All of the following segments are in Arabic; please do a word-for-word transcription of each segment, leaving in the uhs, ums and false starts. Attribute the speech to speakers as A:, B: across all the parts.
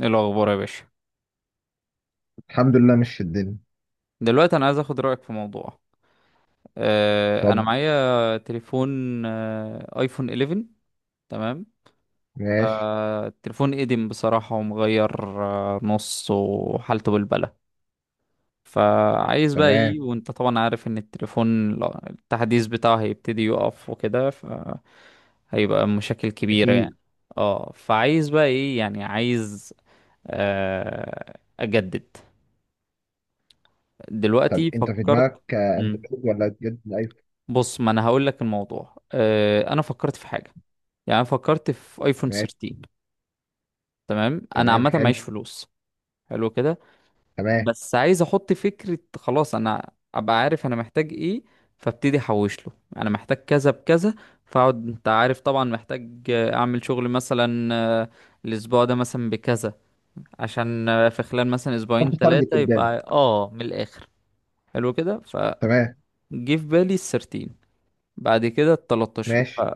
A: ايه الاخبار يا باشا؟
B: الحمد لله مش الدنيا.
A: دلوقتي انا عايز اخد رايك في موضوع. آه انا
B: اتفضل.
A: معايا تليفون، آه ايفون إحدى عشر، تمام.
B: ماشي.
A: فالتليفون قديم بصراحه، ومغير آه نص، وحالته بالبلة. فعايز بقى ايه،
B: تمام.
A: وانت طبعا عارف ان التليفون لا- التحديث بتاعه هيبتدي يقف وكده، فهيبقى مشاكل كبيره
B: اكيد.
A: يعني. اه فعايز بقى ايه يعني، عايز آه اجدد.
B: طب
A: دلوقتي
B: انت في
A: فكرت.
B: دماغك آه،
A: مم.
B: اندرويد ولا جد ايفون؟
A: بص، ما انا هقول لك الموضوع، آه، انا فكرت في حاجه. يعني انا فكرت في ايفون
B: ماشي.
A: ثلاثة عشر. تمام، انا
B: تمام
A: عامه معيش
B: حلو.
A: فلوس. حلو كده.
B: تمام.
A: بس عايز احط فكره، خلاص انا ابقى عارف انا محتاج ايه. فابتدي احوش له، انا محتاج كذا بكذا. فاقعد، انت عارف طبعا محتاج آه، اعمل شغل مثلا. آه، الاسبوع ده مثلا بكذا، عشان آه، في خلال مثلا اسبوعين
B: حط تارجت
A: ثلاثه
B: قدام.
A: يبقى اه من الاخر. حلو كده، فجه
B: تمام.
A: في بالي ال ثلاثة عشر. بعد كده ال تلتاشر،
B: ماشي.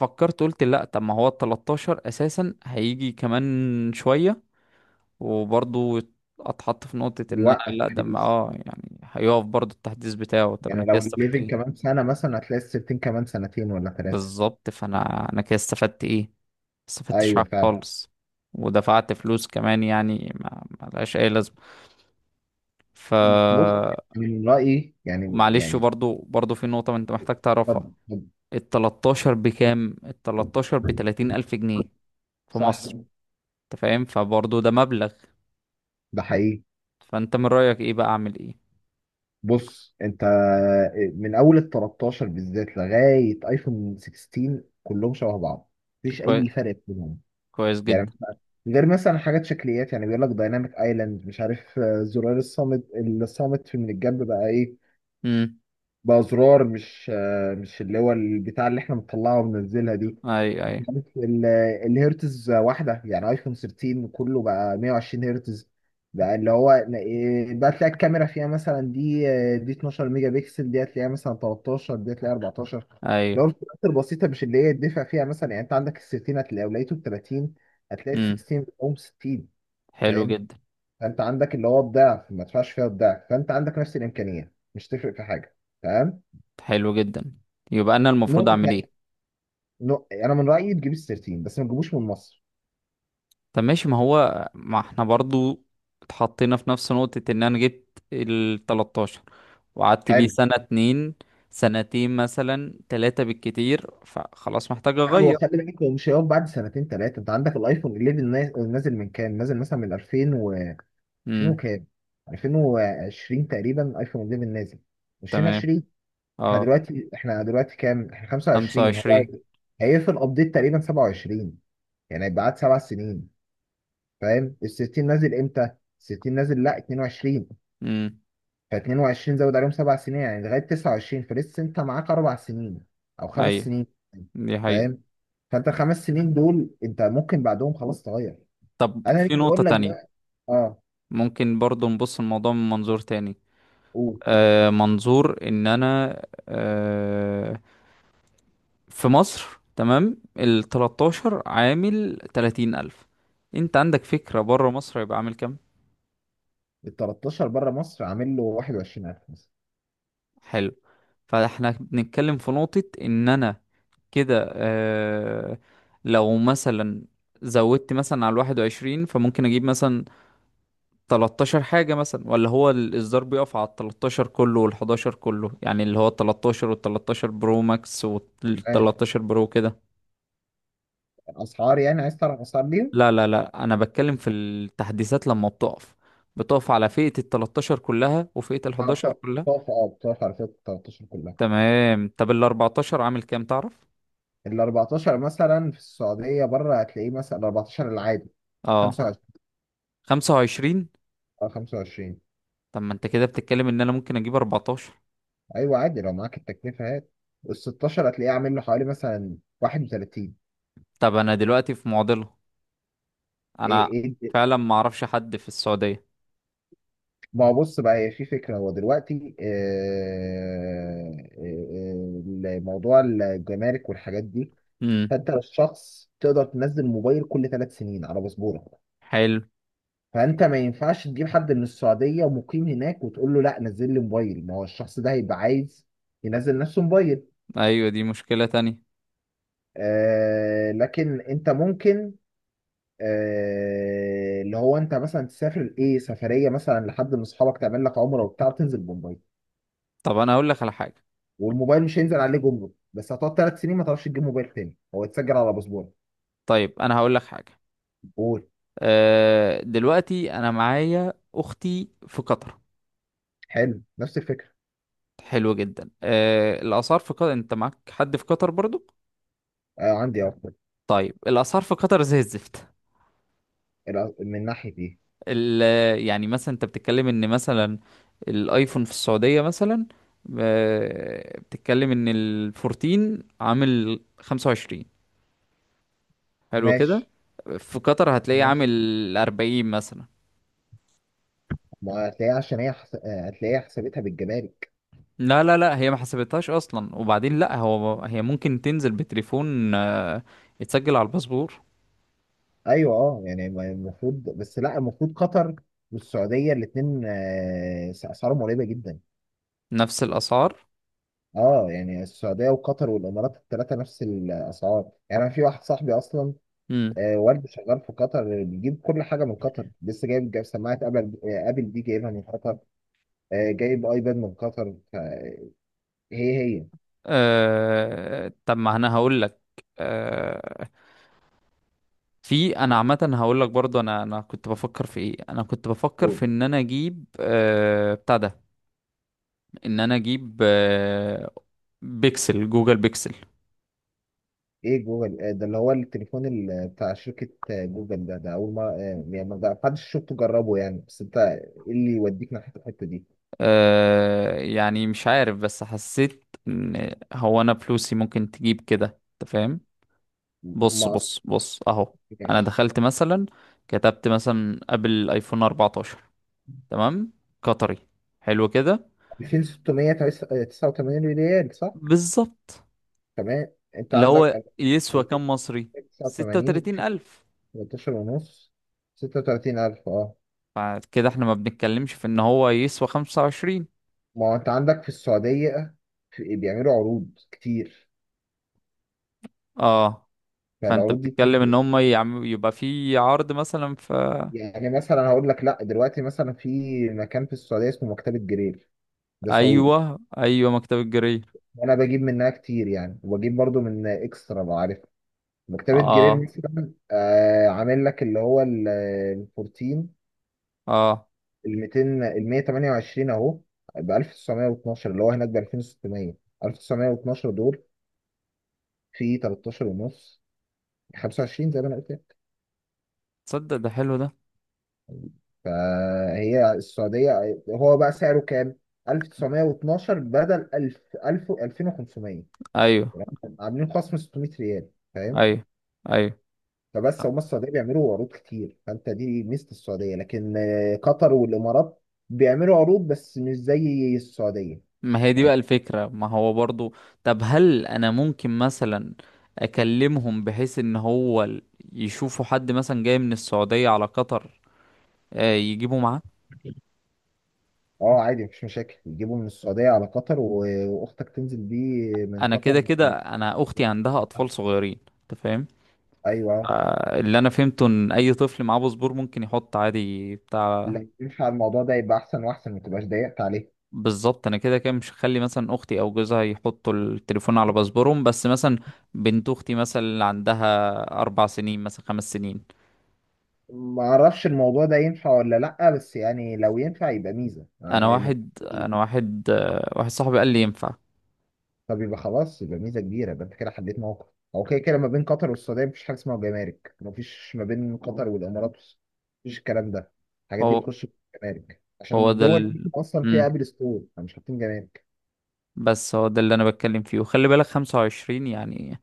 A: فكرت قلت لا، طب ما هو ال ثلاثة عشر اساسا هيجي كمان شويه، وبرضو اتحط في نقطه ان انا
B: يوقف
A: لا، ده ما-
B: تحديث،
A: اه يعني هيقف برضو التحديث بتاعه. طب انا
B: يعني
A: كده
B: لو
A: استفدت
B: الليفنج كمان
A: ايه؟
B: سنه مثلا هتلاقي السيفتين كمان سنتين ولا ثلاثه.
A: بالظبط، فانا انا كده استفدت ايه؟ ما استفدتش
B: ايوه
A: حاجه
B: فعلا.
A: خالص، ودفعت فلوس كمان، يعني ما ما لهاش اي لازمه. ف
B: بص، من رايي يعني
A: معلش،
B: يعني
A: برضو برضو في نقطه انت محتاج تعرفها.
B: اتفضل
A: ال تلتاشر بكام؟ ال تلتاشر ب
B: اتفضل.
A: تلاتين الف جنيه في
B: صح.
A: مصر، انت فاهم؟ فبرضه ده مبلغ.
B: ده حقيقي.
A: فانت من رأيك ايه بقى؟ اعمل ايه؟
B: بص انت، آه، من اول ال ثلاثة عشر بالذات لغايه ايفون ستاشر كلهم شبه بعض، مفيش
A: كوي...
B: اي فرق بينهم
A: كويس جدا.
B: يعني، غير مثلا حاجات شكليات، يعني بيقول لك دايناميك ايلاند، مش عارف، آه، زرار الصامت. الصامت في من الجنب بقى ايه،
A: امم.
B: بأزرار مش آه، مش اللي هو البتاع اللي احنا بنطلعها وبننزلها دي.
A: ايوه، ايوه.
B: كانت ال- الهرتز واحدة، يعني ايفون تلتاشر كله بقى مائة وعشرين هرتز. بقى اللي هو إيه، بقى تلاقي الكاميرا فيها مثلا دي، آه، دي اتناشر ميجا بكسل، دي هتلاقيها مثلا تلتاشر، دي هتلاقيها اربعتاشر
A: ايوه.
B: لو الفئات البسيطة، مش اللي هي يدفع فيها مثلا. يعني انت عندك ال تلتاشر هتلاقي لو لقيته ب ثلاثين، هتلاقي ال
A: امم.
B: ستاشر بتقوم ستين.
A: حلو
B: فاهم؟
A: جدا.
B: فانت عندك اللي هو الضعف، ما تدفعش فيها الضعف، فانت عندك نفس الإمكانية، مش تفرق في حاجة. تمام.
A: حلو جدا. يبقى انا المفروض
B: نقطة
A: اعمل
B: يعني،
A: ايه؟
B: نق- أنا من رأيي تجيب ال تلتاشر بس ما تجيبوش من مصر.
A: طب ماشي، ما هو ما احنا برضو اتحطينا في نفس نقطة ان انا جبت ال تلتاشر، وقعدت بيه
B: حلو.
A: سنة اتنين، سنتين مثلا تلاتة بالكتير، فخلاص محتاج
B: لا، هو
A: اغير.
B: خلي بالك، هو مش هيقف بعد سنتين ثلاثة. أنت عندك الأيفون حداشر ناز- نازل من كام؟ نازل مثلا من الفين و الفين
A: امم.
B: وكام؟ الفين وعشرين تقريبا أيفون احد عشر نازل،
A: تمام.
B: الفين وعشرين. احنا
A: اه،
B: دلوقتي احنا دلوقتي كام؟ احنا خمسه وعشرين، هو
A: خمسة وعشرين.
B: هي- هيقفل أبديت تقريبا سبعه وعشرين، يعني هيبقى قعد سبع سنين. فاهم؟ ال ستة عشر نازل إمتى؟ ال ستة عشر نازل لا اتنين وعشرين.
A: امم.
B: ف22 زود عليهم سبع سنين، يعني لغايه تسعة وعشرين، فلسه انت معاك اربع سنين او خمس
A: ايوه،
B: سنين.
A: دي حقيقة.
B: فاهم؟ فانت الخمس سنين دول انت ممكن بعدهم خلاص تغير.
A: طب
B: انا ليه
A: في نقطة
B: بقول لك
A: تانية،
B: ده؟ اه،
A: ممكن برضو نبص الموضوع من منظور تاني.
B: قول.
A: آه، منظور ان انا آه، في مصر، تمام، ال تلتاشر عامل تلاتين الف، انت عندك فكرة بره مصر هيبقى عامل كام؟
B: ال تلتاشر بره مصر عامل له واحد وعشرين الف مثلا.
A: حلو. فاحنا بنتكلم في نقطة ان انا كده، آه، لو مثلا زودت مثلا على الواحد وعشرين، فممكن اجيب مثلا تلتاشر حاجة مثلا، ولا هو الإصدار بيقف على تلتاشر كله وال إحداشر كله، يعني اللي هو تلتاشر وال تلتاشر برو ماكس وال
B: آه،
A: تلتاشر برو كده.
B: اسعار، يعني عايز تعرف اسعار ليهم؟
A: لا لا لا، انا بتكلم في التحديثات، لما بتقف بتقف على فئة ال تلتاشر كلها وفئة ال
B: آه،
A: إحداشر
B: بط-
A: كلها.
B: بتقف اه بتقف على فكره تلتاشر كلها.
A: تمام. طب ال اربعتاشر عامل كام تعرف؟
B: ال اربعتاشر مثلا في السعوديه بره هتلاقيه مثلا ال اربعتاشر العادي
A: اه،
B: خمسة وعشرين.
A: خمسة وعشرين.
B: اه خمسه وعشرين.
A: طب ما انت كده بتتكلم ان انا ممكن اجيب اربعتاشر.
B: ايوه عادي، لو معاك التكلفه هات. ال ستاشر هتلاقيه عامل له حوالي مثلا واحد وثلاثين.
A: طب انا دلوقتي في معضلة.
B: إيه
A: انا
B: إيه إيه.
A: فعلا ما اعرفش حد في السعودية.
B: ما هو بص بقى، هي في فكره، هو دلوقتي آه، آه، آه، موضوع الجمارك والحاجات دي.
A: امم.
B: فانت الشخص تقدر تنزل موبايل كل ثلاث سنين على باسبورك.
A: حلو.
B: فانت ما ينفعش تجيب حد من السعوديه ومقيم هناك وتقول له لا نزل لي موبايل، ما هو الشخص ده هيبقى عايز ينزل نفسه موبايل.
A: ايوه، دي مشكلة تانية.
B: آه لكن انت ممكن آه، اللي هو انت مثلا تسافر ايه سفريه مثلا لحد من اصحابك، تعمل لك عمره وبتاع وتنزل بموبايل.
A: طب انا هقول لك على حاجة.
B: والموبايل مش هينزل عليه جمرك، بس هتقعد ثلاث سنين ما تعرفش تجيب موبايل تاني، هو يتسجل على باسبورك.
A: طيب انا هقول لك حاجة.
B: قول.
A: أه دلوقتي انا معايا اختي في قطر.
B: حلو، نفس الفكره.
A: حلو جدا. آه، الاسعار في قطر، انت معاك حد في قطر برضو؟
B: آه عندي افكار.
A: طيب الاسعار في قطر زي الزفت.
B: الأ- من ناحيه دي.
A: ال... يعني مثلا انت بتتكلم ان مثلا الايفون في السعوديه مثلا، آه، بتتكلم ان ال اربعتاشر عامل خمسة وعشرين، حلو كده.
B: ماشي.
A: في قطر هتلاقيه
B: ماشي،
A: عامل اربعين مثلا.
B: ما هتلاقيها عشان هي حس... آه، هتلاقيها حسابتها بالجمارك.
A: لا لا لا، هي ما حسبتهاش اصلا، وبعدين لا، هو هي ممكن تنزل بتليفون آه، يتسجل على الباسبور.
B: ايوه اه، يعني ما- المفروض، بس لا، المفروض قطر والسعوديه الاثنين اسعارهم قريبه جدا.
A: نفس الاسعار.
B: اه، يعني السعوديه وقطر والامارات الثلاثه نفس الاسعار، يعني انا في واحد صاحبي اصلا
A: مم.
B: آه، والده شغال في قطر، بيجيب كل حاجه من قطر، لسه جايب جايب سماعه ابل، آه، ابل دي جايبها من قطر، آه، جايب ايباد من قطر ف- هي هي.
A: أه... طب ما انا هقول لك. أه... في، انا عامه هقول لك برضو، انا انا كنت بفكر في ايه، انا كنت بفكر
B: جوجل.
A: في ان انا اجيب أه... بتاع ده. ان انا اجيب أه... بيكسل، جوجل بيكسل.
B: ايه جوجل؟ آه، ده اللي هو التليفون ال- بتاع شركه آه، جوجل ده ده اول ما آه، يعني ما حدش شفته جربه يعني، بس انت ايه اللي يوديك ناحيه الحته دي؟
A: أه... يعني مش عارف، بس حسيت ان هو انا فلوسي ممكن تجيب كده، انت فاهم. بص
B: ما اصلا.
A: بص بص اهو. انا
B: ماشي.
A: دخلت مثلا، كتبت مثلا قبل ايفون اربعتاشر، تمام، قطري، حلو كده.
B: الفين وستمية تسعه وتمانين ريال، صح.
A: بالظبط.
B: تمام انت
A: اللي هو
B: عندك
A: يسوى كام مصري؟ ستة
B: تسعة وثمانين
A: وتلاتين
B: في
A: ألف.
B: تلتاشر ونص، ستة وتلاتين الف، اه.
A: فكده احنا ما بنتكلمش في ان هو يسوى خمسة وعشرين.
B: ما هو انت عندك في السعودية في بيعملوا عروض كتير،
A: اه. فانت
B: فالعروض دي
A: بتتكلم ان
B: بتفرق.
A: هم يعم... يبقى في عرض مثلا في.
B: يعني مثلا هقول لك لا، دلوقتي مثلا في مكان في السعودية اسمه مكتبة جرير، ده سعودي.
A: ايوه ايوه، مكتب الجرير.
B: وانا بجيب منها كتير يعني، وبجيب برضو من اكسترا لو عارف. مكتبة جرير
A: اه.
B: مثلا آه عامل لك اللي هو ال أربعتاشر،
A: اه.
B: ال اربعتاشر ال ميتين ال مية وتمانيه وعشرين اهو ب الف وتسعمية واتناشر، اللي هو هناك ب الفين وستمية. الف وتسعمية واتناشر دول في تلتاشر ونص، خمسه وعشرين، زي ما انا قلت لك.
A: تصدق ده حلو ده.
B: فهي السعوديه هو بقى سعره كام؟ الف وتسعمية واتناشر بدل الف الف ألفين وخمسمائة،
A: ايوه
B: يعني عاملين خصم ستمية ريال. فاهم؟
A: ايوه. ايوه.
B: فبس هم السعوديه بيعملوا عروض كتير، فانت دي ميزه السعوديه، لكن آه، قطر والامارات بيعملوا عروض بس مش زي السعوديه.
A: ما هي دي
B: فاهم؟
A: بقى الفكرة، ما هو برضو. طب هل انا ممكن مثلا اكلمهم بحيث ان هو ال- يشوفوا حد مثلا جاي من السعودية على قطر، آه، يجيبوا معاه.
B: اه عادي مفيش مشاكل، يجيبوا من السعوديه على قطر و- واختك تنزل بيه من
A: انا
B: قطر.
A: كده كده، انا اختي عندها اطفال صغيرين انت فاهم.
B: ايوه.
A: اللي انا فهمته ان اي طفل معاه باسبور ممكن يحط عادي بتاع.
B: لو ينفع الموضوع ده يبقى احسن واحسن، ما تبقاش ضيقت عليه.
A: بالظبط، انا كده كده مش هخلي مثلا اختي او جوزها يحطوا التليفون على باسبورهم، بس مثلا بنت اختي مثلا اللي عندها اربع سنين مثلا، خمس سنين.
B: ما اعرفش الموضوع ده ينفع ولا لا، بس يعني لو ينفع يبقى ميزه. أنا
A: انا
B: ما- ما-
A: واحد انا واحد آه، واحد صاحبي قال لي ينفع.
B: طب يبقى خلاص، يبقى ميزه كبيره، يبقى انت كده حددت موقف. هو كده كده ما بين قطر والسعوديه مفيش حاجه اسمها جمارك، مفيش ما بين قطر والامارات والس- مفيش الكلام ده. الحاجات دي
A: هو
B: بتخش في الجمارك عشان
A: هو ده
B: الدول دي
A: ال...
B: اصلا
A: مم.
B: فيها ابل ستور، فمش حاطين جمارك.
A: بس هو ده اللي انا بتكلم فيه، وخلي بالك خمسة وعشرين يعني.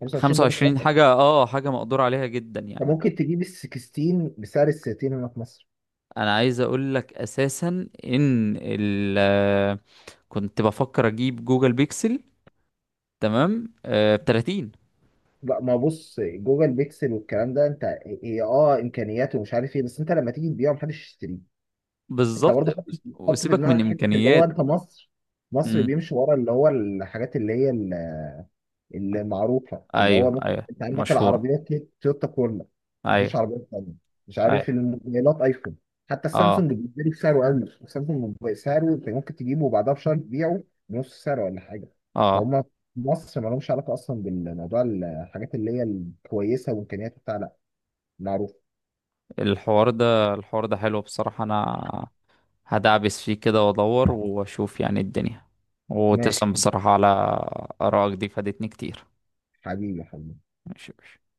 B: خمسه وعشرين ده مش
A: خمسة وعشرين
B: رقم،
A: حاجة، اه حاجة مقدور عليها جدا
B: انت
A: يعني.
B: ممكن تجيب ال ستاشر بسعر ال تلاتين هنا في مصر.
A: انا عايز اقول لك اساسا ان ال كنت بفكر اجيب جوجل بيكسل، تمام، ب تلاتين.
B: لا ما بص، جوجل بيكسل والكلام ده، انت، هي اه امكانياته ومش عارف ايه، بس انت لما تيجي تبيعه محدش يشتريه. انت
A: بالظبط،
B: برضه حط، حط في
A: وسيبك من
B: دماغك حته اللي هو
A: امكانيات.
B: انت مصر. مصر
A: امم.
B: بيمشي ورا اللي هو الحاجات اللي هي المعروفه، اللي هو
A: ايوه
B: مثلا
A: ايوه،
B: انت عندك
A: المشهوره.
B: العربيات دي تويوتا كورلا،
A: ايوه.
B: مفيش عربيات ثانيه. مش عارف
A: ايوه.
B: الموبايلات ايفون، حتى
A: اه.
B: السامسونج بيتباع بسعره اقل، السامسونج بسعره انت ممكن تجيبه وبعدها بشهر تبيعه بنص سعره ولا حاجه.
A: اه.
B: فهم في مصر ما لهمش علاقه اصلا بالموضوع، الحاجات اللي هي الكويسه وامكانيات بتاع، لا، معروف.
A: الحوار ده الحوار ده حلو بصراحه، انا هدعبس فيه كده وادور واشوف يعني الدنيا.
B: ماشي.
A: وتسلم بصراحه على ارائك دي، فادتني كتير.
B: حبيبي حبيبي.
A: ماشي يا باشا.